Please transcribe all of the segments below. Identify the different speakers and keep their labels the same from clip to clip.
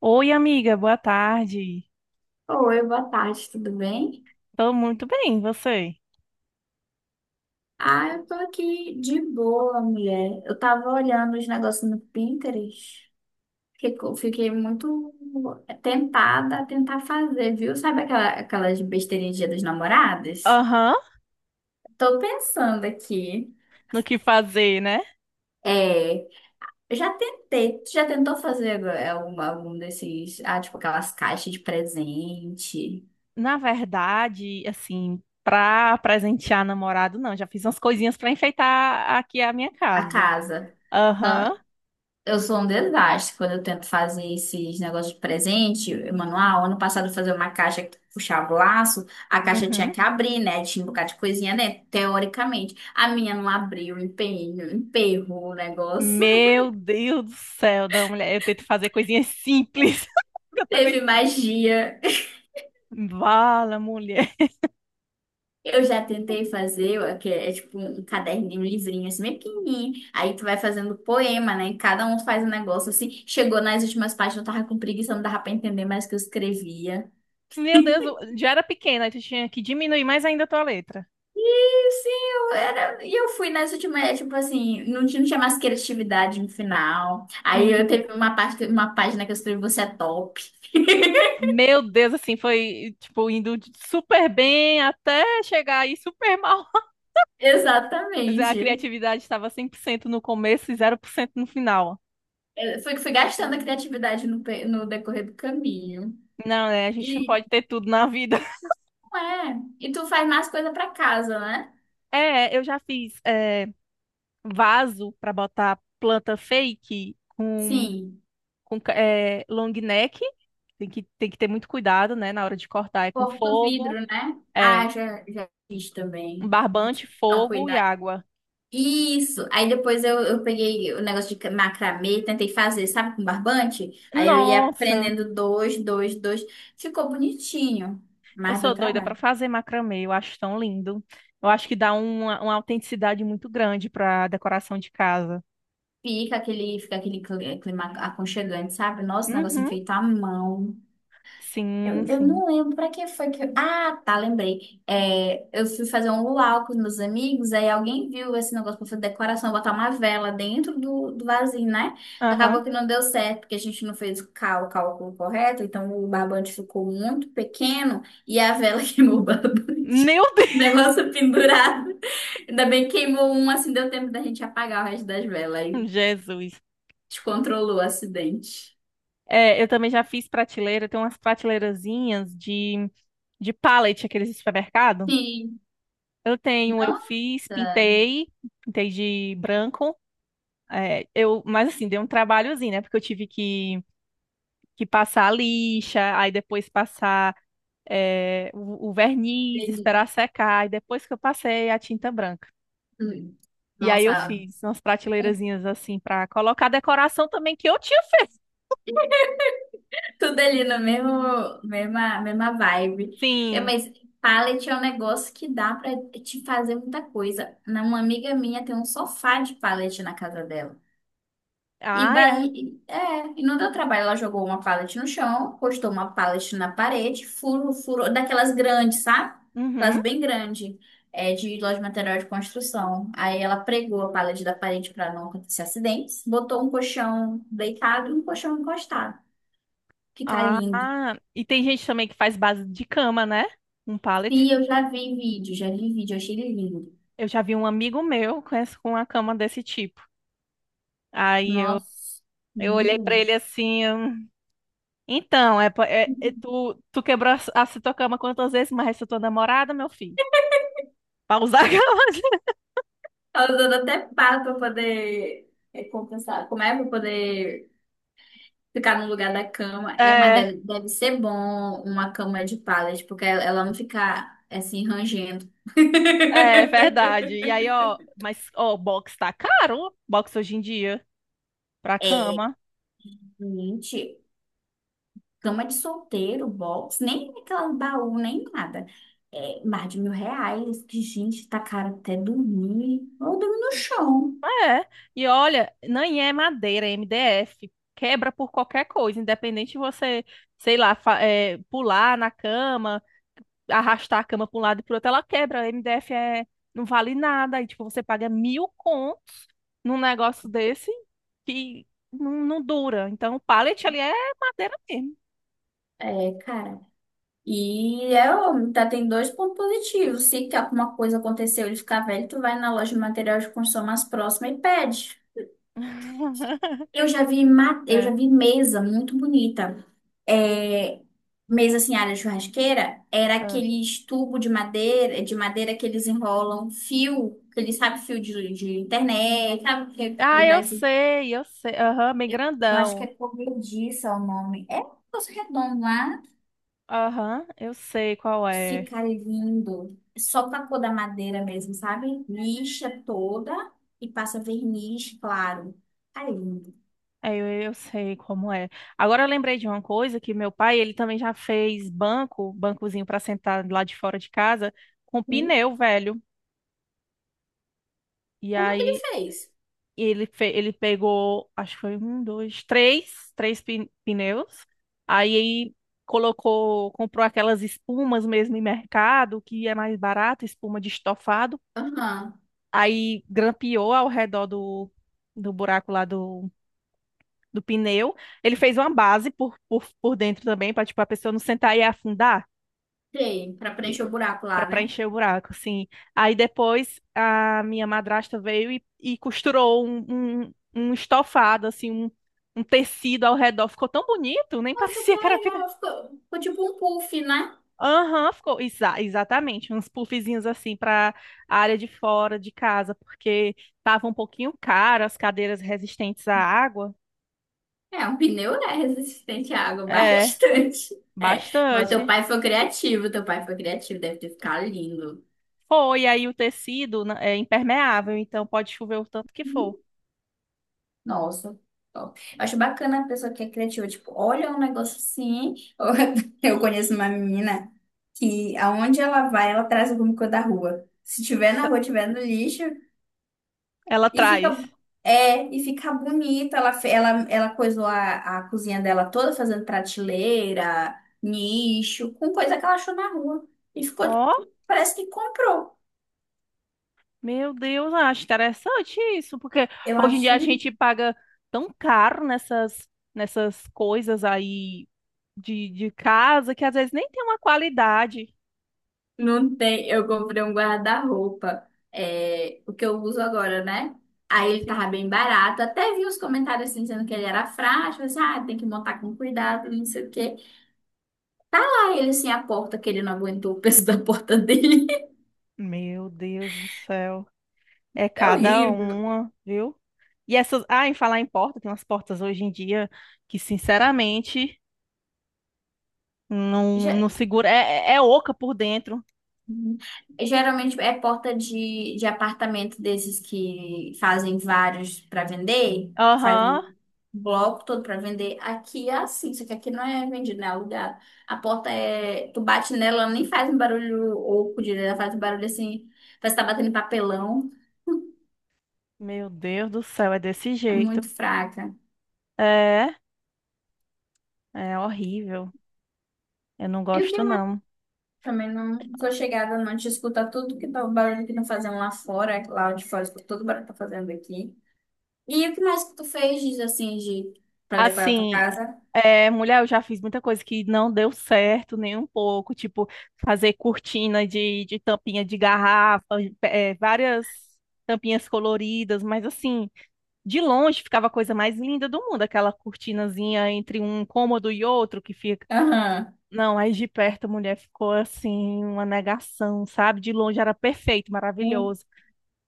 Speaker 1: Oi, amiga, boa tarde.
Speaker 2: Oi, boa tarde, tudo bem?
Speaker 1: Tô muito bem, e você?
Speaker 2: Ah, eu tô aqui de boa, mulher. Eu tava olhando os negócios no Pinterest, que eu fiquei muito tentada a tentar fazer, viu? Sabe aquelas besteirinhas de Dia dos namorados?
Speaker 1: Aham,
Speaker 2: Tô pensando aqui.
Speaker 1: no que fazer, né?
Speaker 2: É, eu já tentei. Tu já tentou fazer algum desses, ah, tipo aquelas caixas de presente,
Speaker 1: Na verdade, assim, pra presentear namorado, não, já fiz umas coisinhas pra enfeitar aqui a minha
Speaker 2: a
Speaker 1: casa.
Speaker 2: casa?
Speaker 1: Aham,
Speaker 2: Eu sou um desastre quando eu tento fazer esses negócios de presente, manual. Ano passado eu fazia uma caixa que tu puxava o laço, a caixa tinha
Speaker 1: uhum.
Speaker 2: que abrir, né? Tinha um bocado de coisinha dentro, teoricamente. A minha não abriu, empenho, emperrou o negócio.
Speaker 1: Meu Deus do céu, da mulher, eu tento fazer coisinhas simples. que Eu também.
Speaker 2: Teve magia.
Speaker 1: Vala, mulher.
Speaker 2: Eu já tentei fazer, ó, que é tipo um caderninho, um livrinho assim, bem pequenininho. Aí tu vai fazendo poema, né? Cada um faz um negócio assim. Chegou nas últimas páginas, eu tava com preguiça, não dava pra entender mais o que eu escrevia.
Speaker 1: Meu Deus, eu já era pequena, aí tu tinha que diminuir mais ainda a tua letra.
Speaker 2: Sim, eu era. E eu fui nessa última, tipo assim, não tinha mais criatividade no final. Aí eu teve uma parte, uma página que eu escrevi Você é top.
Speaker 1: Meu Deus, assim, foi, tipo, indo de super bem até chegar aí super mal. Mas a
Speaker 2: Exatamente.
Speaker 1: criatividade estava 100% no começo e zero por cento no final.
Speaker 2: Fui gastando a criatividade no decorrer do caminho.
Speaker 1: Não, né? A gente não
Speaker 2: E
Speaker 1: pode ter tudo na vida.
Speaker 2: não é. E tu faz mais coisa pra casa, né?
Speaker 1: É, eu já fiz vaso para botar planta fake com,
Speaker 2: Sim.
Speaker 1: é, long neck. Tem que ter muito cuidado, né? Na hora de cortar, é com
Speaker 2: Porta o
Speaker 1: fogo,
Speaker 2: vidro, né?
Speaker 1: é,
Speaker 2: Ah, já fiz
Speaker 1: um
Speaker 2: também.
Speaker 1: barbante,
Speaker 2: Então,
Speaker 1: fogo e
Speaker 2: cuida,
Speaker 1: água.
Speaker 2: isso. Aí depois eu peguei o negócio de macramê, tentei fazer, sabe, com barbante? Aí eu ia
Speaker 1: Nossa!
Speaker 2: aprendendo dois. Ficou bonitinho,
Speaker 1: Eu
Speaker 2: mas deu
Speaker 1: sou doida para
Speaker 2: trabalho.
Speaker 1: fazer macramê, eu acho tão lindo. Eu acho que dá uma autenticidade muito grande para decoração de casa.
Speaker 2: Fica clima aconchegante, sabe? Nossa, o negócio é
Speaker 1: Uhum,
Speaker 2: feito à mão.
Speaker 1: sim,
Speaker 2: Eu
Speaker 1: sim.
Speaker 2: não lembro pra que foi que. Ah, tá, lembrei. É, eu fui fazer um luau com os meus amigos, aí alguém viu esse negócio pra fazer decoração, botar uma vela dentro do vasinho, né?
Speaker 1: Aham.
Speaker 2: Acabou que não deu certo, porque a gente não fez o cálculo correto, então o barbante ficou muito pequeno e a vela queimou o barbante.
Speaker 1: Meu Deus,
Speaker 2: O negócio pendurado. Ainda bem que queimou um, assim deu tempo da gente apagar o resto das velas. Aí
Speaker 1: Jesus.
Speaker 2: descontrolou o acidente.
Speaker 1: É, eu também já fiz prateleira, tem umas prateleirazinhas de pallet, aqueles de supermercado.
Speaker 2: Sim.
Speaker 1: Eu fiz,
Speaker 2: Nossa.
Speaker 1: pintei de branco. É, eu, mas assim, deu um trabalhozinho, né? Porque que passar a lixa, aí depois passar o verniz,
Speaker 2: Beni-
Speaker 1: esperar secar, e depois que eu passei a tinta branca.
Speaker 2: hum.
Speaker 1: E aí eu
Speaker 2: Nossa,
Speaker 1: fiz umas prateleirazinhas assim para colocar a decoração também que eu tinha feito.
Speaker 2: tudo ali na mesma, mesma vibe. É,
Speaker 1: Sim.
Speaker 2: mas pallet é um negócio que dá pra te fazer muita coisa. Uma amiga minha tem um sofá de pallet na casa dela.
Speaker 1: Ah, é.
Speaker 2: E não deu trabalho. Ela jogou uma pallet no chão, postou uma pallet na parede, furo, daquelas grandes, sabe?
Speaker 1: Uhum.
Speaker 2: Aquelas bem grandes, é, de loja de material de construção. Aí ela pregou a pallet da parede para não acontecer acidentes, botou um colchão deitado e um colchão encostado. Fica
Speaker 1: Ah,
Speaker 2: lindo.
Speaker 1: e tem gente também que faz base de cama, né? Um pallet.
Speaker 2: Sim, eu já vi vídeo, eu achei ele lindo.
Speaker 1: Eu já vi um amigo meu com uma cama desse tipo. Aí eu,
Speaker 2: Nossa,
Speaker 1: eu
Speaker 2: muito
Speaker 1: olhei pra
Speaker 2: bonito.
Speaker 1: ele assim, então, é tu, tu quebrou a tua cama quantas vezes, mas essa é tua namorada, meu filho? Pra usar a cama.
Speaker 2: Ela usando até pá pra poder é, compensar. Como é pra poder ficar no lugar da cama? É, mas
Speaker 1: É.
Speaker 2: deve ser bom uma cama de pallet, porque ela não fica assim rangendo.
Speaker 1: É verdade. E aí, ó, mas, ó, box hoje em dia, pra cama.
Speaker 2: Gente, cama de solteiro, box, nem aquela baú, nem nada. É, mais de R$ 1.000, que gente, tá caro até dormir. Ou dormir no chão.
Speaker 1: É. E olha, nem é madeira, é MDF. Quebra por qualquer coisa, independente de você, sei lá, fa- é, pular na cama, arrastar a cama pra um lado e pro outro, ela quebra. MDF é, não vale nada. E, tipo, você paga mil contos num negócio desse que não dura. Então, o pallet ali é madeira mesmo.
Speaker 2: É, cara. E é óbvio, tá? Tem dois pontos positivos. Se que alguma coisa aconteceu, ele ficar velho, tu vai na loja de material de construção mais próxima e pede. Eu já vi, eu já
Speaker 1: É.
Speaker 2: vi mesa muito bonita. É, mesa assim, área de churrasqueira, era aqueles tubo de madeira que eles enrolam, fio, que eles sabem fio de internet, sabe?
Speaker 1: Ah,
Speaker 2: Que dá
Speaker 1: eu sei. Aham, bem
Speaker 2: eu acho que
Speaker 1: grandão.
Speaker 2: é corrediça o nome. É um negócio redondo lá.
Speaker 1: Aham, eu sei qual é.
Speaker 2: Fica lindo. Só com a cor da madeira mesmo, sabe? Lixa toda e passa verniz claro. Tá lindo.
Speaker 1: Eu sei como é. Agora eu lembrei de uma coisa que meu pai, ele também já fez bancozinho para sentar lá de fora de casa, com
Speaker 2: Hum.
Speaker 1: pneu, velho. E
Speaker 2: Como que ele
Speaker 1: aí
Speaker 2: fez?
Speaker 1: ele pegou, acho que foi pneus. Aí colocou, comprou aquelas espumas mesmo em mercado, que é mais barato, espuma de estofado
Speaker 2: Aham.
Speaker 1: aí grampeou ao redor do buraco lá do pneu. Ele fez uma base por dentro também, para tipo, a pessoa não sentar e afundar,
Speaker 2: Tem, pra preencher o buraco
Speaker 1: para
Speaker 2: lá, né?
Speaker 1: preencher o buraco, assim. Aí depois a minha madrasta veio e costurou um estofado, assim, um tecido ao redor. Ficou tão bonito, nem
Speaker 2: Nossa, que
Speaker 1: parecia que era pneu.
Speaker 2: legal. Ficou tipo um puff, né?
Speaker 1: Aham, ficou exatamente, uns puffzinhos assim para a área de fora de casa, porque tava um pouquinho caro as cadeiras resistentes à água.
Speaker 2: É, um pneu, né? Resistente à água,
Speaker 1: É,
Speaker 2: bastante. É. Não, teu
Speaker 1: bastante.
Speaker 2: pai foi criativo, teu pai foi criativo, deve ter ficado lindo.
Speaker 1: Foi, aí o tecido né, é impermeável, então pode chover o tanto que for.
Speaker 2: Nossa, top. Eu acho bacana a pessoa que é criativa, tipo, olha um negócio assim. Eu conheço uma menina que aonde ela vai, ela traz alguma coisa da rua. Se tiver na
Speaker 1: S-
Speaker 2: rua, tiver no lixo,
Speaker 1: Ela
Speaker 2: e fica
Speaker 1: traz.
Speaker 2: e fica bonita. Ela fe- ela ela coisou a cozinha dela toda fazendo prateleira, nicho, com coisa que ela achou na rua. E ficou
Speaker 1: Ó,
Speaker 2: tipo, parece que comprou.
Speaker 1: meu Deus, acho interessante isso, porque
Speaker 2: Eu
Speaker 1: hoje em dia
Speaker 2: acho
Speaker 1: a gente paga tão caro nessas coisas aí de casa que às vezes nem tem uma qualidade.
Speaker 2: não tem, eu comprei um guarda-roupa, é, o que eu uso agora, né? Aí ele tava
Speaker 1: Sim.
Speaker 2: bem barato, até vi os comentários assim, dizendo que ele era frágil, assim, ah, tem que montar com cuidado, não sei o quê. Aí ele assim, a porta que ele não aguentou o peso da porta dele.
Speaker 1: Meu Deus do céu. É
Speaker 2: É
Speaker 1: cada
Speaker 2: horrível.
Speaker 1: uma, viu? E essas. Ah, em falar em porta, tem umas portas hoje em dia que, sinceramente,
Speaker 2: Já-
Speaker 1: não segura. É, é oca por dentro.
Speaker 2: Uhum. Geralmente é porta de apartamento desses que fazem vários para vender, faz
Speaker 1: Aham.
Speaker 2: um bloco todo para vender. Aqui é assim, só que aqui não é vendido, né? É alugado. A porta é. Tu bate nela, ela nem faz um barulho oco direito, ela faz um barulho assim, parece que tá batendo em papelão.
Speaker 1: Meu Deus do céu, é desse
Speaker 2: É
Speaker 1: jeito.
Speaker 2: muito fraca.
Speaker 1: É, é horrível. Eu não
Speaker 2: E o que
Speaker 1: gosto,
Speaker 2: mais?
Speaker 1: não.
Speaker 2: Também não sou chegada, não te escuta tudo que tá, o barulho que estão fazendo lá fora, lá de fora, escuta todo o barulho que tá fazendo aqui. E o que mais que tu fez, diz assim, de para decorar a tua
Speaker 1: Assim,
Speaker 2: casa?
Speaker 1: é, mulher, eu já fiz muita coisa que não deu certo nem um pouco, tipo fazer cortina de tampinha de garrafa, é, várias tampinhas coloridas, mas assim, de longe ficava a coisa mais linda do mundo, aquela cortinazinha entre um cômodo e outro que fica.
Speaker 2: Aham.
Speaker 1: Não, aí de perto a mulher ficou assim, uma negação, sabe? De longe era perfeito,
Speaker 2: Hum.
Speaker 1: maravilhoso.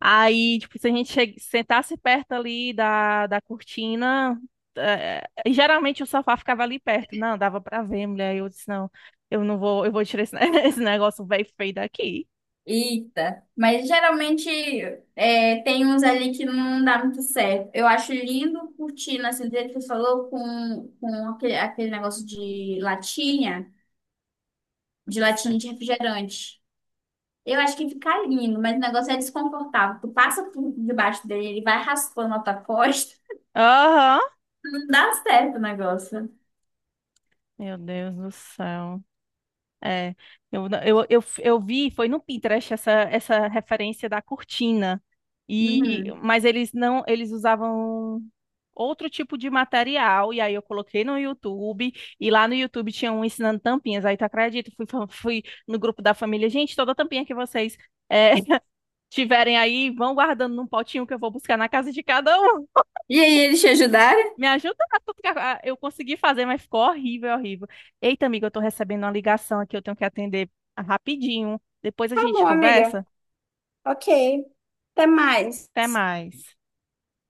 Speaker 1: Aí, tipo, se sentasse perto ali da cortina, e geralmente o sofá ficava ali perto. Não, dava pra ver, mulher. Eu disse, eu não vou, eu vou tirar esse negócio velho feio daqui.
Speaker 2: Eita. Mas geralmente é, tem uns ali que não dá muito certo. Eu acho lindo curtindo, assim, do jeito que tu falou, com, aquele negócio de latinha, de latinha de refrigerante. Eu acho que fica lindo, mas o negócio é desconfortável. Tu passa por debaixo dele, ele vai raspando a tua costa.
Speaker 1: Aham.
Speaker 2: Não dá certo o negócio.
Speaker 1: Meu Deus do céu. É, eu, não- eu vi, foi no Pinterest essa referência da cortina. E,
Speaker 2: Uhum.
Speaker 1: mas eles não, eles usavam outro tipo de material, e aí eu coloquei no YouTube, e lá no YouTube tinha um ensinando tampinhas, aí tu acredita, fui no grupo da família, gente, toda tampinha que vocês é, tiverem aí, vão guardando num potinho que eu vou buscar na casa de cada um,
Speaker 2: E aí, eles te ajudaram?
Speaker 1: me ajuda, a tu ficar- a- eu consegui fazer, mas ficou horrível, horrível. Eita, amiga, eu tô recebendo uma ligação aqui, eu tenho que atender rapidinho, depois a
Speaker 2: Tá
Speaker 1: gente
Speaker 2: bom, amiga.
Speaker 1: conversa,
Speaker 2: Ok. Até mais.
Speaker 1: até mais.